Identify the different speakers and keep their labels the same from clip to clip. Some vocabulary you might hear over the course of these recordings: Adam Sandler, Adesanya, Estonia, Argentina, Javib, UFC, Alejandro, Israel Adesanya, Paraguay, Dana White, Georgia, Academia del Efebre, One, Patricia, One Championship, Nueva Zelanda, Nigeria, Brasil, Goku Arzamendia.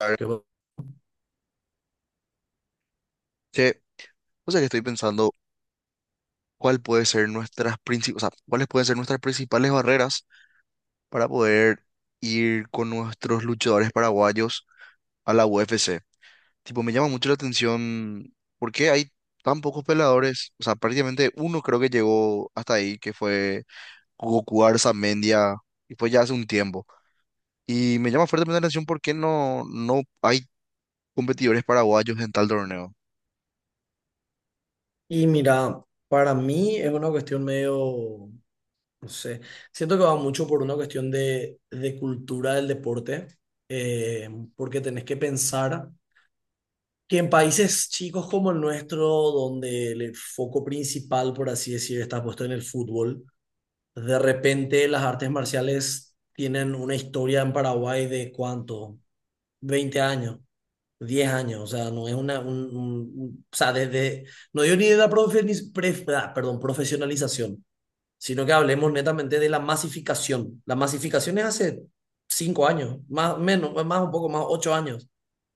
Speaker 1: A ver,
Speaker 2: ¿Qué va-
Speaker 1: che, o sea que estoy pensando cuál puede ser nuestras cuáles pueden ser nuestras principales barreras para poder ir con nuestros luchadores paraguayos a la UFC. Tipo, me llama mucho la atención por qué hay tan pocos peleadores. O sea, prácticamente uno creo que llegó hasta ahí, que fue Goku Arzamendia, y fue ya hace un tiempo. Y me llama fuertemente la atención por qué no hay competidores paraguayos en tal torneo.
Speaker 2: Y mira, para mí es una cuestión medio, no sé, siento que va mucho por una cuestión de cultura del deporte, eh, porque tenés que pensar que en países chicos como el nuestro, donde el foco principal, por así decir, está puesto en el fútbol, de repente las artes marciales tienen una historia en Paraguay de cuánto, 20 años. 10 años, o sea, no es una, un- o sea, desde, no digo ni de la profesionalización, sino que hablemos netamente de la masificación. La masificación es hace 5 años, más, menos, más un poco más, 8 años,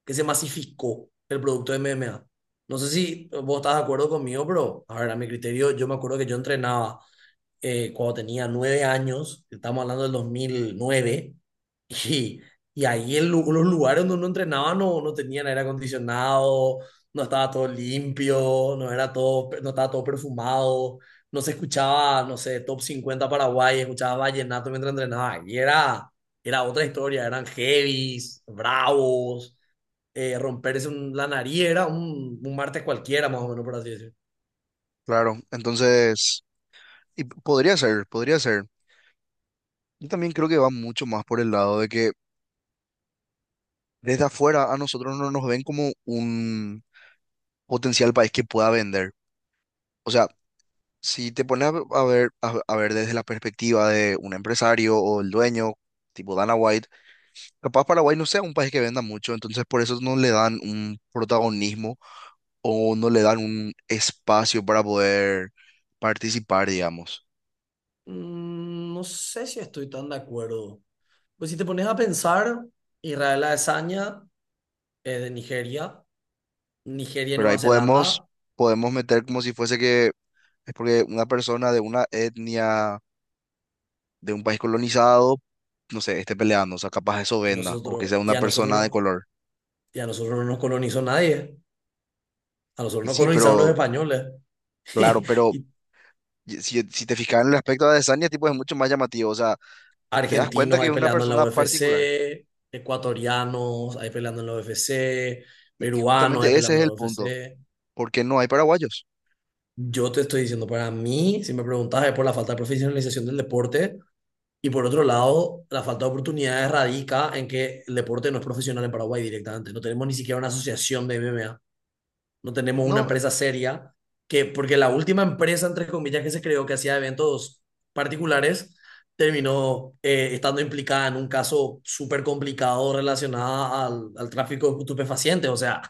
Speaker 2: que se masificó el producto de MMA. No sé si vos estás de acuerdo conmigo, pero, a ver, a mi criterio, yo me acuerdo que yo entrenaba cuando tenía 9 años, estamos hablando del 2009 y, y ahí en los lugares donde uno entrenaba no tenían aire acondicionado, no estaba todo limpio, no estaba todo perfumado, no se escuchaba, no sé, top 50 Paraguay, escuchaba vallenato mientras entrenaba, y era, era otra historia, eran heavies, bravos. Romperse la nariz era un martes cualquiera, más o menos, por así decirlo.
Speaker 1: Claro, entonces, y podría ser, podría ser. Yo también creo que va mucho más por el lado de que desde afuera a nosotros no nos ven como un potencial país que pueda vender. O sea, si te pones a ver, a ver desde la perspectiva de un empresario o el dueño, tipo Dana White, capaz Paraguay no sea un país que venda mucho, entonces por eso no le dan un protagonismo o no le dan un espacio para poder participar, digamos.
Speaker 2: Mm. No sé si estoy tan de acuerdo. Pues si te pones a pensar, Israel Adesanya es de Nigeria, Nigeria y
Speaker 1: Pero
Speaker 2: Nueva
Speaker 1: ahí podemos,
Speaker 2: Zelanda,
Speaker 1: podemos meter como si fuese que es porque una persona de una etnia de un país colonizado, no sé, esté peleando, o sea, capaz eso
Speaker 2: y
Speaker 1: venda, o que
Speaker 2: nosotros,
Speaker 1: sea
Speaker 2: y
Speaker 1: una
Speaker 2: a
Speaker 1: persona de
Speaker 2: nosotros,
Speaker 1: color.
Speaker 2: y a nosotros no nos colonizó nadie, a nosotros
Speaker 1: Y
Speaker 2: nos
Speaker 1: sí,
Speaker 2: colonizaron los
Speaker 1: pero,
Speaker 2: españoles.
Speaker 1: claro,
Speaker 2: Y
Speaker 1: pero
Speaker 2: y
Speaker 1: si, si te fijas en el aspecto de Adesanya, tipo, es mucho más llamativo, o sea, te das cuenta
Speaker 2: argentinos
Speaker 1: que
Speaker 2: ahí
Speaker 1: es una
Speaker 2: peleando en la
Speaker 1: persona particular.
Speaker 2: UFC, ecuatorianos ahí peleando en la UFC,
Speaker 1: Y
Speaker 2: peruanos ahí
Speaker 1: justamente ese
Speaker 2: peleando
Speaker 1: es
Speaker 2: en
Speaker 1: el
Speaker 2: la
Speaker 1: punto,
Speaker 2: UFC.
Speaker 1: porque no hay paraguayos.
Speaker 2: Yo te estoy diciendo, para mí, si me preguntas, es por la falta de profesionalización del deporte. Y por otro lado, la falta de oportunidades radica en que el deporte no es profesional en Paraguay directamente. No tenemos ni siquiera una asociación de MMA. No tenemos una
Speaker 1: No,
Speaker 2: empresa seria, porque la última empresa, entre comillas, que se creó que hacía eventos particulares, terminó estando implicada en un caso súper complicado relacionado al tráfico de estupefacientes. O sea,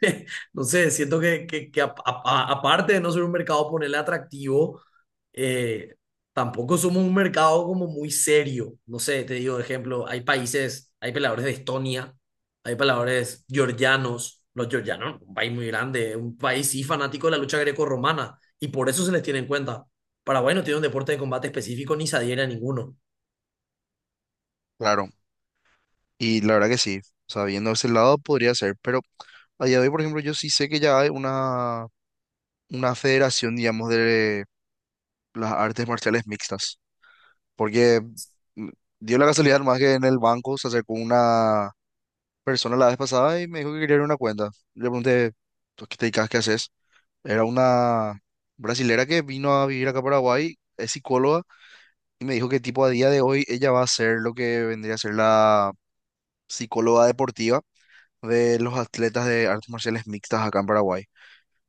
Speaker 2: no sé, siento que, que aparte de no ser un mercado ponerle atractivo, eh, tampoco somos un mercado como muy serio. No sé, te digo, de ejemplo, hay países, hay peleadores de Estonia. Hay peleadores georgianos, los georgianos, un país muy grande, un país sí fanático de la lucha greco-romana, y por eso se les tiene en cuenta. Paraguay no tiene un deporte de combate específico ni se adhiere a ninguno.
Speaker 1: claro, y la verdad que sí, o sea, viendo ese lado podría ser, pero a día de hoy, por ejemplo, yo sí sé que ya hay una federación, digamos, de las artes marciales mixtas. Porque mm, dio la casualidad más que en el banco se acercó una persona la vez pasada y me dijo que quería abrir una cuenta. Le pregunté, "¿Tú qué te dedicas? ¿Qué haces?". Era una brasilera que vino a vivir acá a Paraguay, es psicóloga, y me dijo que tipo a día de hoy ella va a ser lo que vendría a ser la psicóloga deportiva de los atletas de artes marciales mixtas acá en Paraguay.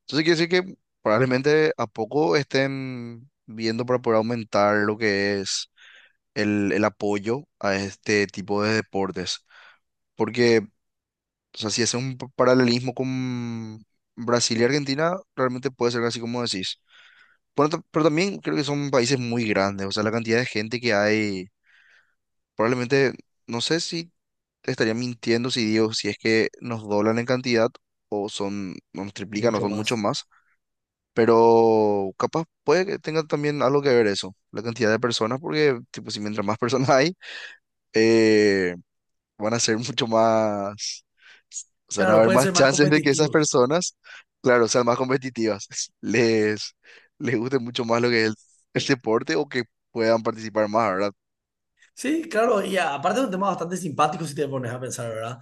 Speaker 1: Entonces quiere decir que probablemente a poco estén viendo para poder aumentar lo que es el apoyo a este tipo de deportes. Porque, o sea, si hace un paralelismo con Brasil y Argentina, realmente puede ser así como decís. Pero, pero también creo que son países muy grandes, o sea, la cantidad de gente que hay, probablemente, no sé si te estaría mintiendo si digo, si es que nos doblan en cantidad o son, o nos triplican o
Speaker 2: Mucho
Speaker 1: son mucho
Speaker 2: más.
Speaker 1: más. Pero capaz puede que tenga también algo que ver eso, la cantidad de personas, porque tipo, si mientras más personas hay, eh, van a ser mucho más, o sea, van a
Speaker 2: Claro,
Speaker 1: haber
Speaker 2: pueden
Speaker 1: más
Speaker 2: ser más
Speaker 1: chances de que esas
Speaker 2: competitivos.
Speaker 1: personas, claro, sean más competitivas, les, les guste mucho más lo que es el deporte o que puedan participar más, ¿verdad?
Speaker 2: Sí, claro, y aparte es un tema bastante simpático si te pones a pensar, ¿verdad?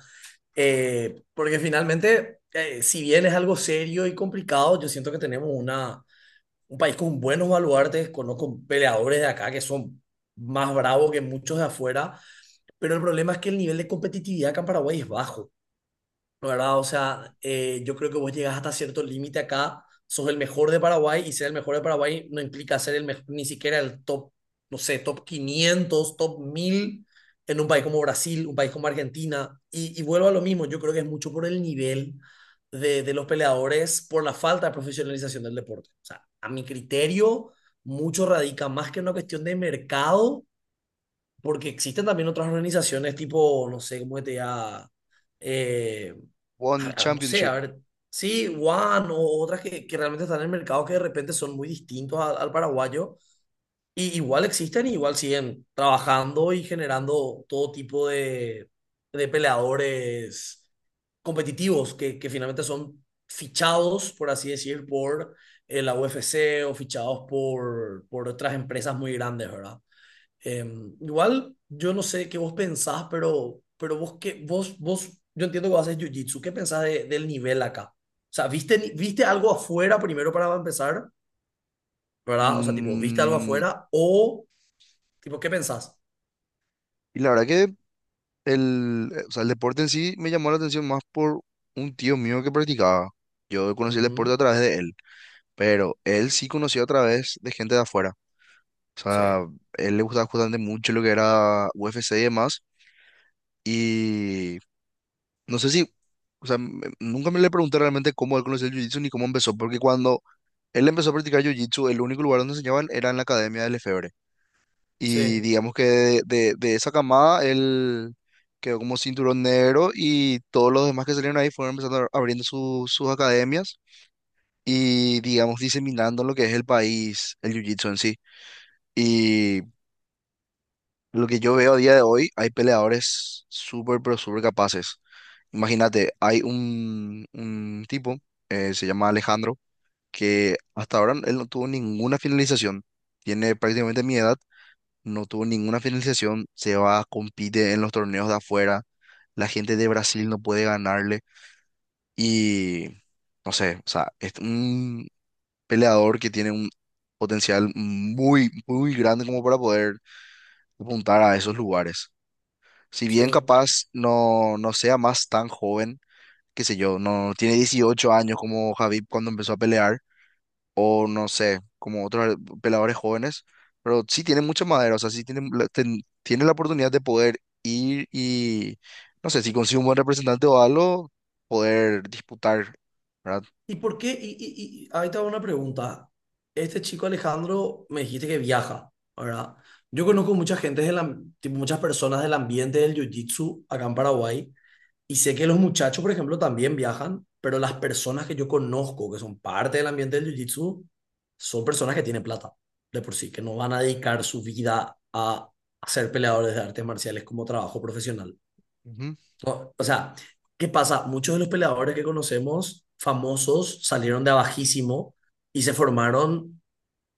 Speaker 2: Porque finalmente, si bien es algo serio y complicado, yo siento que tenemos un país con buenos baluartes, conozco peleadores de acá que son más bravos que muchos de afuera. Pero el problema es que el nivel de competitividad acá en Paraguay es bajo, ¿no? ¿Verdad? O sea, yo creo que vos llegás hasta cierto límite acá, sos el mejor de Paraguay y ser el mejor de Paraguay no implica ser el mejor, ni siquiera el top, no sé, top 500, top 1000 en un país como Brasil, un país como Argentina. Y vuelvo a lo mismo, yo creo que es mucho por el nivel de los peleadores, por la falta de profesionalización del deporte. O sea, a mi criterio, mucho radica más que en una cuestión de mercado porque existen también otras organizaciones tipo, no sé, cómo te diga, eh,
Speaker 1: One
Speaker 2: no sé,
Speaker 1: Championship.
Speaker 2: a ver, sí, One o otras que realmente están en el mercado que de repente son muy distintos al paraguayo, y igual existen y igual siguen trabajando y generando todo tipo de peleadores competitivos que finalmente son fichados, por así decir, por la UFC o fichados por otras empresas muy grandes, ¿verdad? Igual, yo no sé qué vos pensás, pero vos, que vos, vos, yo entiendo que vos haces jiu-jitsu. ¿Qué pensás del nivel acá? O sea, ¿viste, ni- viste algo afuera primero para empezar? ¿Verdad? O sea, tipo, ¿viste algo
Speaker 1: Mm,
Speaker 2: afuera? O, tipo, ¿qué pensás?
Speaker 1: y la verdad que el, o sea, el deporte en sí me llamó la atención más por un tío mío que practicaba. Yo conocí el deporte a
Speaker 2: Ujú.
Speaker 1: través de él, pero él sí conoció a través de gente de afuera. O
Speaker 2: Sí,
Speaker 1: sea, él le gustaba justamente mucho lo que era UFC y demás. Y no sé si, o sea, nunca me le pregunté realmente cómo él conoció el jiu-jitsu ni cómo empezó, porque cuando él empezó a practicar jiu-jitsu, el único lugar donde enseñaban era en la Academia del Efebre. Y
Speaker 2: sí,
Speaker 1: digamos que de esa camada él quedó como cinturón negro y todos los demás que salieron ahí fueron empezando abriendo sus academias y digamos diseminando lo que es el país, el jiu-jitsu en sí. Lo que yo veo a día de hoy, hay peleadores súper, pero súper capaces. Imagínate, hay un tipo, se llama Alejandro, que hasta ahora él no tuvo ninguna finalización. Tiene prácticamente mi edad, no tuvo ninguna finalización. Se va, compite en los torneos de afuera. La gente de Brasil no puede ganarle. Y no sé, o sea, es un peleador que tiene un potencial muy, muy grande como para poder apuntar a esos lugares. Si
Speaker 2: sí.
Speaker 1: bien capaz no sea más tan joven, qué sé yo, no tiene 18 años como Javib cuando empezó a pelear, o no sé, como otros peleadores jóvenes, pero sí tiene mucha madera, o sea, sí tiene, tiene la oportunidad de poder ir y, no sé, si consigue un buen representante o algo, poder disputar, ¿verdad?
Speaker 2: ¿Y por qué? Y ahí te hago una pregunta. Este chico Alejandro me dijiste que viaja, ¿verdad? Yo conozco mucha gente, muchas personas del ambiente del jiu-jitsu acá en Paraguay. Y sé que los muchachos, por ejemplo, también viajan, pero las personas que yo conozco que son parte del ambiente del jiu-jitsu son personas que tienen plata, de por sí, que no van a dedicar su vida a ser peleadores de artes marciales como trabajo profesional.
Speaker 1: Ujú,
Speaker 2: No, o sea, ¿qué pasa? Muchos de los peleadores que conocemos famosos salieron de abajísimo y se formaron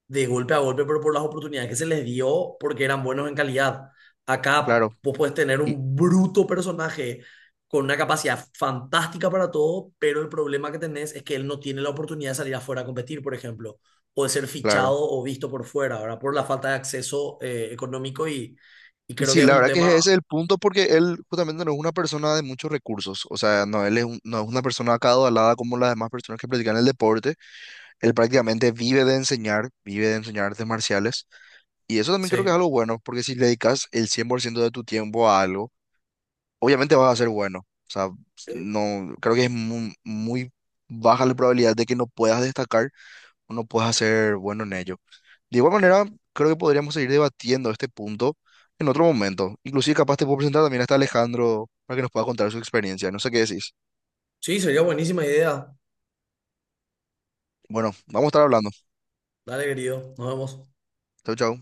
Speaker 2: de golpe a golpe, pero por las oportunidades que se les dio porque eran buenos en calidad. Acá
Speaker 1: claro,
Speaker 2: vos puedes tener
Speaker 1: y-
Speaker 2: un bruto personaje con una capacidad fantástica para todo, pero el problema que tenés es que él no tiene la oportunidad de salir afuera a competir, por ejemplo, o de ser fichado
Speaker 1: claro.
Speaker 2: o visto por fuera, ¿verdad? Por la falta de acceso económico y
Speaker 1: Y
Speaker 2: creo
Speaker 1: sí,
Speaker 2: que es
Speaker 1: la
Speaker 2: un
Speaker 1: verdad que
Speaker 2: tema.
Speaker 1: ese es el punto porque él justamente no es una persona de muchos recursos, o sea, no, no es una persona acaudalada como las demás personas que practican el deporte, él prácticamente vive de enseñar artes marciales y eso también creo que es
Speaker 2: Sí,
Speaker 1: algo bueno porque si le dedicas el 100% de tu tiempo a algo, obviamente vas a ser bueno, o sea, no, creo que es muy, muy baja la probabilidad de que no puedas destacar uno pueda ser bueno en ello. De igual manera, creo que podríamos seguir debatiendo este punto en otro momento. Inclusive capaz te puedo presentar también hasta Alejandro para que nos pueda contar su experiencia. No sé qué decís.
Speaker 2: sí, sería buenísima idea.
Speaker 1: Bueno, vamos a estar hablando.
Speaker 2: Dale, querido, nos vemos.
Speaker 1: Chau, chau.